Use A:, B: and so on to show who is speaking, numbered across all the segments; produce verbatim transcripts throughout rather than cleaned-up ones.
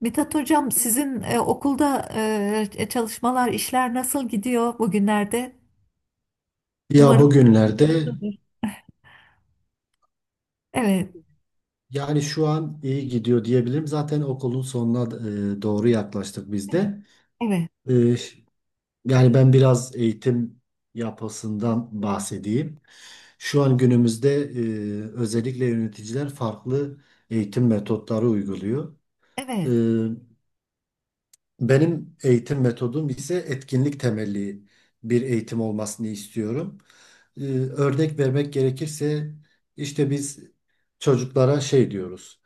A: Mithat Hocam, sizin e, okulda e, e, çalışmalar, işler nasıl gidiyor bugünlerde?
B: Ya
A: Umarım.
B: bugünlerde
A: Evet,
B: yani şu an iyi gidiyor diyebilirim. Zaten okulun sonuna e, doğru yaklaştık biz
A: evet,
B: de.
A: evet,
B: E, yani ben biraz eğitim yapısından bahsedeyim. Şu an günümüzde e, özellikle yöneticiler farklı eğitim metotları uyguluyor. E,
A: evet,
B: Benim eğitim metodum ise etkinlik temelli bir eğitim olmasını istiyorum. E, örnek vermek gerekirse işte biz çocuklara şey diyoruz.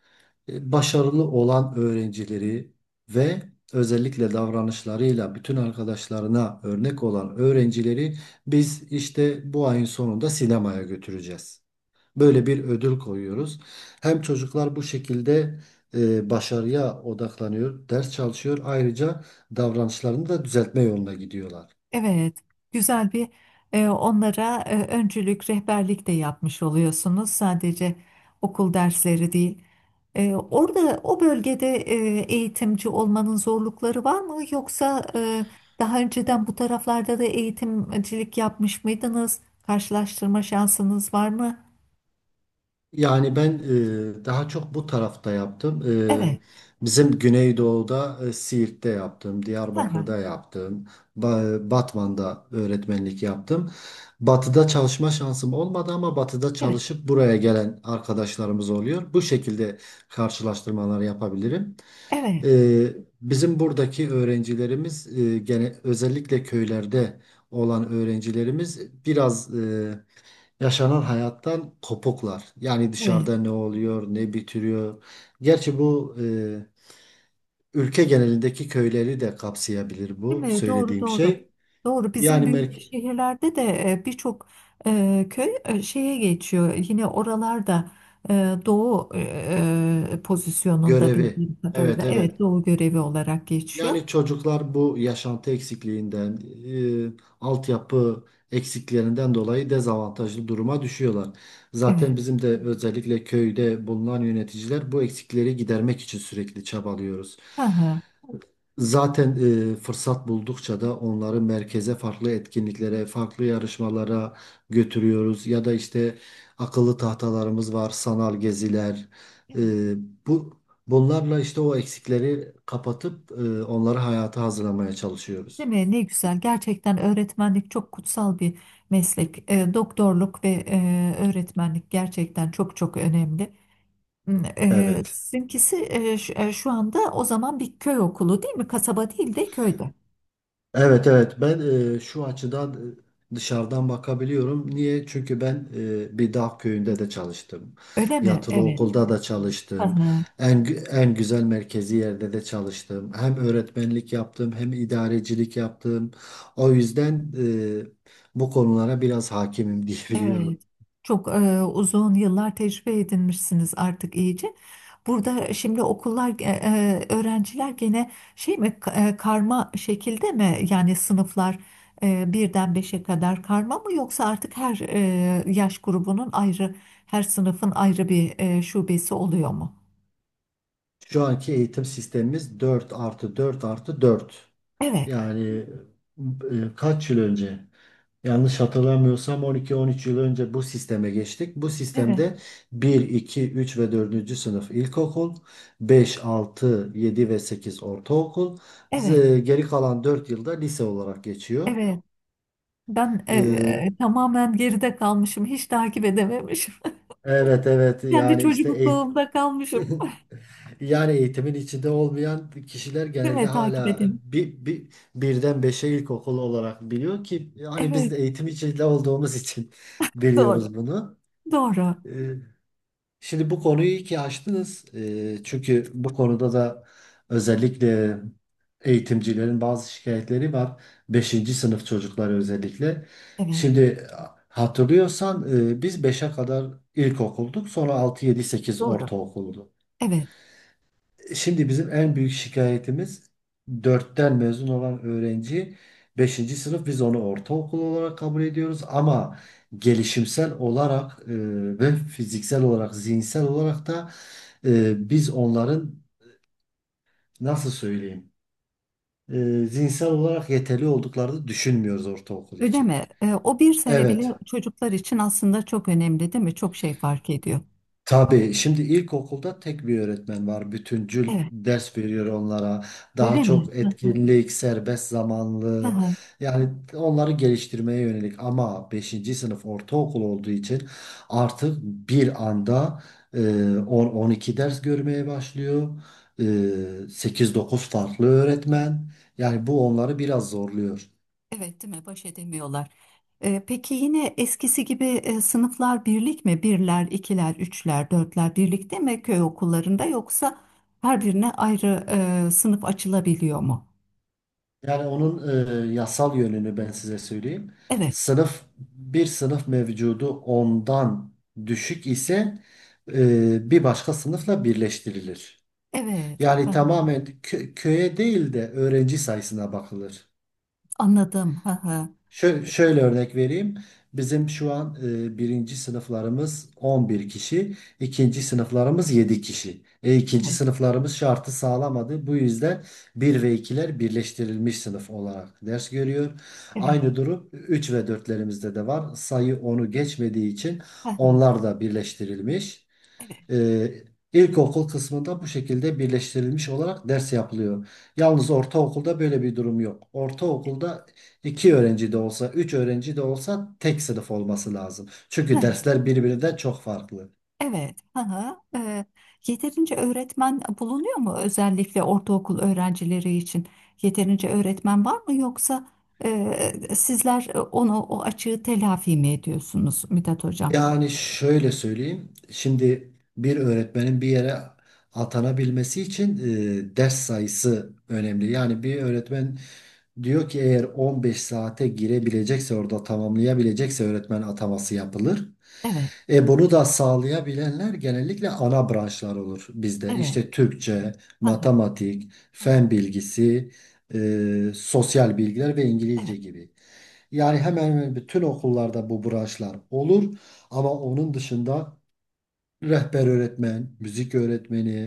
B: e, Başarılı olan öğrencileri ve özellikle davranışlarıyla bütün arkadaşlarına örnek olan öğrencileri biz işte bu ayın sonunda sinemaya götüreceğiz. Böyle bir ödül koyuyoruz. Hem çocuklar bu şekilde e, başarıya odaklanıyor, ders çalışıyor. Ayrıca davranışlarını da düzeltme yoluna gidiyorlar.
A: evet. Güzel bir e, onlara e, öncülük, rehberlik de yapmış oluyorsunuz. Sadece okul dersleri değil. E, orada, o bölgede e, eğitimci olmanın zorlukları var mı? Yoksa e, daha önceden bu taraflarda da eğitimcilik yapmış mıydınız? Karşılaştırma şansınız var mı?
B: Yani ben e, daha çok bu tarafta yaptım.
A: Evet.
B: E, bizim Güneydoğu'da e, Siirt'te yaptım,
A: Hı hı.
B: Diyarbakır'da yaptım, Ba- Batman'da öğretmenlik yaptım. Batı'da çalışma şansım olmadı ama Batı'da
A: Evet.
B: çalışıp buraya gelen arkadaşlarımız oluyor. Bu şekilde karşılaştırmalar yapabilirim.
A: Evet.
B: E, Bizim buradaki öğrencilerimiz e, gene özellikle köylerde olan öğrencilerimiz biraz yaşanan hayattan kopuklar. Yani
A: Evet.
B: dışarıda ne oluyor, ne bitiriyor. Gerçi bu e, ülke genelindeki köyleri de kapsayabilir
A: Değil
B: bu
A: mi? Doğru,
B: söylediğim
A: doğru.
B: şey.
A: Doğru. Bizim
B: Yani
A: büyük
B: merk
A: şehirlerde de e, birçok e, köy e, şeye geçiyor. Yine oralarda e, doğu e, e, pozisyonunda
B: Görevi.
A: bildiğim kadarıyla.
B: Evet,
A: Evet,
B: evet.
A: doğu görevi olarak geçiyor.
B: Yani çocuklar bu yaşantı eksikliğinden, e, altyapı eksiklerinden dolayı dezavantajlı duruma düşüyorlar. Zaten
A: Evet.
B: bizim de özellikle köyde bulunan yöneticiler bu eksikleri gidermek için sürekli çabalıyoruz.
A: Hı hı.
B: Zaten e, fırsat buldukça da onları merkeze farklı etkinliklere, farklı yarışmalara götürüyoruz. Ya da işte akıllı tahtalarımız var, sanal geziler.
A: Evet.
B: E, bu Bunlarla işte o eksikleri kapatıp e, onları hayata hazırlamaya
A: Değil
B: çalışıyoruz.
A: mi? Ne güzel. Gerçekten öğretmenlik çok kutsal bir meslek. E, doktorluk ve e, öğretmenlik gerçekten çok çok önemli. Eee,
B: Evet.
A: sizinkisi eee, şu eee, şu anda o zaman bir köy okulu değil mi? Kasaba değil de köyde.
B: Evet, evet, ben e, şu açıdan e, dışarıdan bakabiliyorum. Niye? Çünkü ben e, bir dağ köyünde de çalıştım.
A: Öyle mi?
B: Yatılı
A: Evet.
B: okulda da çalıştım.
A: Aha,
B: En gü- en güzel merkezi yerde de çalıştım. Hem öğretmenlik yaptım hem idarecilik yaptım. O yüzden e, bu konulara biraz hakimim
A: evet.
B: diyebiliyorum.
A: Çok eee, uzun yıllar tecrübe edinmişsiniz artık iyice. Burada şimdi okullar, eee, öğrenciler gene şey mi ka- eee, karma şekilde mi? Yani sınıflar eee, birden beşe kadar karma mı yoksa artık her eee, yaş grubunun ayrı, her sınıfın ayrı bir eee, şubesi oluyor mu?
B: Şu anki eğitim sistemimiz dört artı dört artı dört.
A: Evet,
B: Yani e, kaç yıl önce? Yanlış hatırlamıyorsam on iki on üç yıl önce bu sisteme geçtik. Bu
A: evet,
B: sistemde bir, iki, üç ve dördüncü sınıf ilkokul, beş, altı, yedi ve sekiz ortaokul,
A: evet.
B: z- geri kalan dört yılda lise olarak geçiyor.
A: Evet. Ben e,
B: Ee,
A: e, tamamen geride kalmışım. Hiç takip edememişim.
B: evet, evet,
A: Kendi
B: yani işte eğitim.
A: çocukluğumda kalmışım.
B: Yani eğitimin içinde olmayan kişiler
A: Değil
B: genelde
A: mi? Takip
B: hala
A: edeyim.
B: bir, bir, birden beşe ilkokul olarak biliyor ki hani biz
A: Evet,
B: de eğitim içinde olduğumuz için
A: doğru.
B: biliyoruz bunu.
A: Doğru.
B: Ee, Şimdi bu konuyu iyi ki açtınız. Ee, Çünkü bu konuda da özellikle eğitimcilerin bazı şikayetleri var. Beşinci sınıf çocukları özellikle.
A: Evet,
B: Şimdi hatırlıyorsan e, biz beşe kadar ilkokulduk. Sonra altı, yedi, sekiz
A: doğru.
B: ortaokuldu.
A: Evet.
B: Şimdi bizim en büyük şikayetimiz dörtten mezun olan öğrenci beşinci sınıf biz onu ortaokul olarak kabul ediyoruz ama gelişimsel olarak e, ve fiziksel olarak zihinsel olarak da e, biz onların nasıl söyleyeyim e, zihinsel olarak yeterli olduklarını düşünmüyoruz ortaokul
A: Öyle
B: için.
A: mi? E, o bir sene bile
B: Evet.
A: çocuklar için aslında çok önemli, değil mi? Çok şey fark ediyor.
B: Tabii şimdi ilkokulda tek bir öğretmen var. Bütüncül
A: Evet.
B: ders veriyor onlara. Daha
A: Öyle mi?
B: çok
A: Hı hı,
B: etkinlik, serbest zamanlı.
A: hı
B: Yani onları geliştirmeye yönelik ama beşinci sınıf ortaokul olduğu için artık bir anda e, on on iki ders görmeye başlıyor. E, sekiz dokuz farklı
A: hı.
B: öğretmen. Yani bu onları biraz zorluyor.
A: Evet, değil mi? Baş edemiyorlar. Ee, peki yine eskisi gibi e, sınıflar birlik mi? Birler, ikiler, üçler, dörtler birlikte mi köy okullarında yoksa her birine ayrı e, sınıf açılabiliyor mu?
B: Yani onun e, yasal yönünü ben size söyleyeyim.
A: Evet,
B: Sınıf bir sınıf mevcudu ondan düşük ise e, bir başka sınıfla birleştirilir.
A: evet. Hı
B: Yani
A: hı.
B: tamamen kö- köye değil de öğrenci sayısına bakılır.
A: Anladım. Hı hı.
B: Şöyle, şöyle örnek vereyim. Bizim şu an e, birinci sınıflarımız on bir kişi, ikinci sınıflarımız yedi kişi. E, ikinci
A: Evet,
B: sınıflarımız şartı sağlamadı. Bu yüzden bir ve ikiler birleştirilmiş sınıf olarak ders görüyor.
A: evet.
B: Aynı durum üç ve dörtlerimizde de var. Sayı onu geçmediği için
A: Hı hı.
B: onlar da birleştirilmiş.
A: Evet.
B: Ee, ilkokul kısmında bu şekilde birleştirilmiş olarak ders yapılıyor. Yalnız ortaokulda böyle bir durum yok. Ortaokulda iki öğrenci de olsa, üç öğrenci de olsa tek sınıf olması lazım. Çünkü dersler birbirinden çok farklı.
A: Evet. Hı hı. Ee, yeterince öğretmen bulunuyor mu özellikle ortaokul öğrencileri için? Yeterince öğretmen var mı yoksa e, sizler onu o açığı telafi mi ediyorsunuz Mithat Hocam?
B: Yani şöyle söyleyeyim. Şimdi bir öğretmenin bir yere atanabilmesi için e, ders sayısı önemli. Yani bir öğretmen diyor ki eğer on beş saate girebilecekse orada tamamlayabilecekse öğretmen ataması yapılır.
A: Evet.
B: E bunu da sağlayabilenler genellikle ana branşlar olur bizde.
A: Evet.
B: İşte Türkçe,
A: Hı hı.
B: matematik,
A: Hı hı.
B: fen bilgisi, e, sosyal bilgiler ve İngilizce
A: Evet.
B: gibi. Yani hemen hemen bütün okullarda bu branşlar olur. Ama onun dışında rehber öğretmen, müzik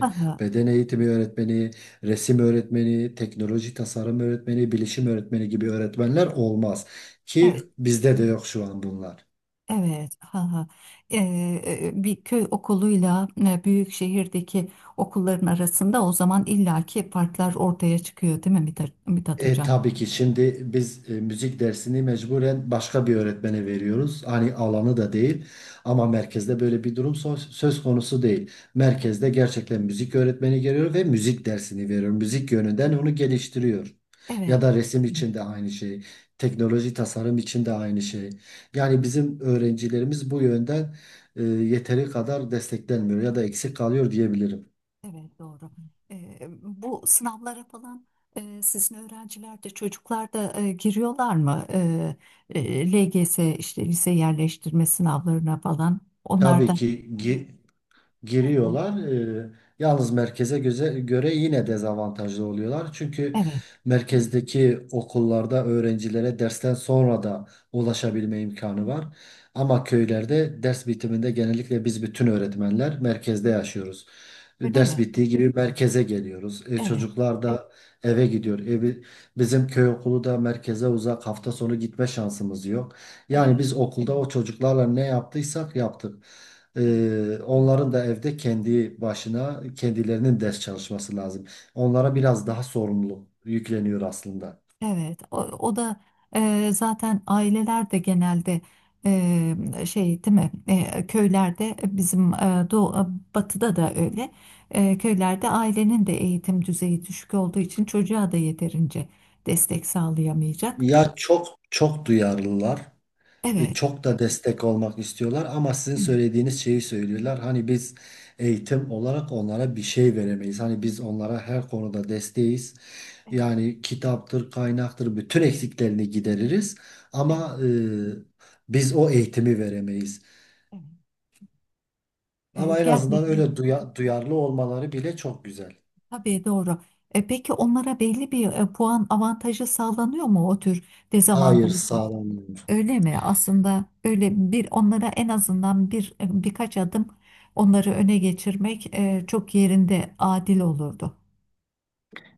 A: Hı hı.
B: beden eğitimi öğretmeni, resim öğretmeni, teknoloji tasarım öğretmeni, bilişim öğretmeni gibi öğretmenler olmaz. Ki
A: Evet.
B: bizde de yok şu an bunlar.
A: Evet, ha ha. Ee, bir köy okuluyla e, büyük şehirdeki okulların arasında o zaman illaki farklar ortaya çıkıyor, değil mi Mithat, Mithat
B: E,
A: Hocam?
B: tabii ki şimdi biz e, müzik dersini mecburen başka bir öğretmene veriyoruz. Hani alanı da değil ama merkezde böyle bir durum so- söz konusu değil.
A: Evet,
B: Merkezde gerçekten müzik öğretmeni geliyor ve müzik dersini veriyor. Müzik yönünden onu geliştiriyor. Ya
A: evet,
B: da resim için de aynı şey. Teknoloji tasarım için de aynı şey. Yani bizim öğrencilerimiz bu yönden e, yeteri kadar desteklenmiyor ya da eksik kalıyor diyebilirim.
A: evet, doğru. Ee, bu sınavlara falan e, sizin öğrenciler de çocuklar da e, giriyorlar mı? Ee, e, L G S işte lise yerleştirme sınavlarına falan. Onlar
B: Tabii
A: da
B: ki giriyorlar. Ee, yalnız merkeze göze, göre yine dezavantajlı oluyorlar. Çünkü
A: evet,
B: merkezdeki okullarda öğrencilere dersten sonra da ulaşabilme imkanı var. Ama köylerde ders bitiminde genellikle biz bütün öğretmenler merkezde yaşıyoruz.
A: öyle
B: Ders
A: mi?
B: bittiği gibi merkeze geliyoruz. E,
A: Evet,
B: çocuklar da eve gidiyor. Evi, bizim köy okulu da merkeze uzak. Hafta sonu gitme şansımız yok. Yani
A: evet,
B: biz okulda o çocuklarla ne yaptıysak yaptık.
A: evet.
B: Ee, onların da evde kendi başına kendilerinin ders çalışması lazım. Onlara biraz daha sorumluluk yükleniyor aslında.
A: Evet, o, o da e, zaten aileler de genelde e, şey değil mi? E, köylerde e, bizim e, doğu, batıda da öyle. E, köylerde ailenin de eğitim düzeyi düşük olduğu için çocuğa da yeterince destek sağlayamayacak.
B: Ya çok çok duyarlılar, e,
A: Evet,
B: çok da destek olmak istiyorlar ama sizin
A: evet,
B: söylediğiniz şeyi söylüyorlar. Hani biz eğitim olarak onlara bir şey veremeyiz. Hani biz onlara her konuda desteğiz.
A: evet,
B: Yani kitaptır, kaynaktır bütün eksiklerini gideririz
A: evet,
B: ama e, biz o eğitimi veremeyiz.
A: evet. E,
B: Ama en azından
A: gerçekten
B: öyle duya- duyarlı olmaları bile çok güzel.
A: tabii doğru. E, peki onlara belli bir e, puan avantajı sağlanıyor mu o tür
B: Hayır
A: dezavantajlı?
B: sağlam.
A: Öyle mi? Aslında böyle bir onlara en azından bir e, birkaç adım onları öne geçirmek e, çok yerinde adil olurdu.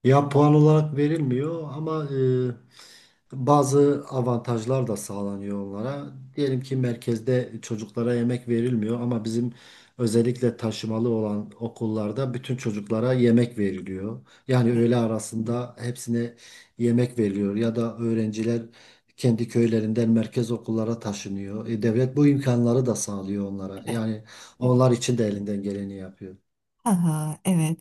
B: Ya puan olarak verilmiyor ama e, bazı avantajlar da sağlanıyor onlara. Diyelim ki merkezde çocuklara yemek verilmiyor ama bizim özellikle taşımalı olan okullarda bütün çocuklara yemek veriliyor. Yani
A: Evet,
B: öğle arasında hepsine yemek veriliyor ya da öğrenciler kendi köylerinden merkez okullara taşınıyor. E, devlet bu imkanları da sağlıyor onlara.
A: evet,
B: Yani
A: evet.
B: onlar için de elinden geleni yapıyor.
A: Ha, ha, evet.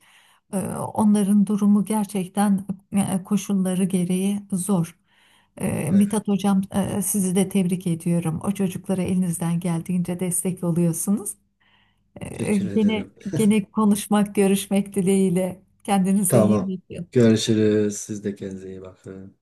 A: Ee, Onların durumu gerçekten e, koşulları gereği zor. Ee,
B: Evet.
A: Mithat Hocam e, sizi de tebrik ediyorum. O çocuklara elinizden geldiğince destek oluyorsunuz. Ee,
B: Teşekkür
A: Gene
B: ederim.
A: gene konuşmak, görüşmek dileğiyle. Kendinize iyi
B: Tamam.
A: bakın.
B: Görüşürüz. Siz de kendinize iyi bakın.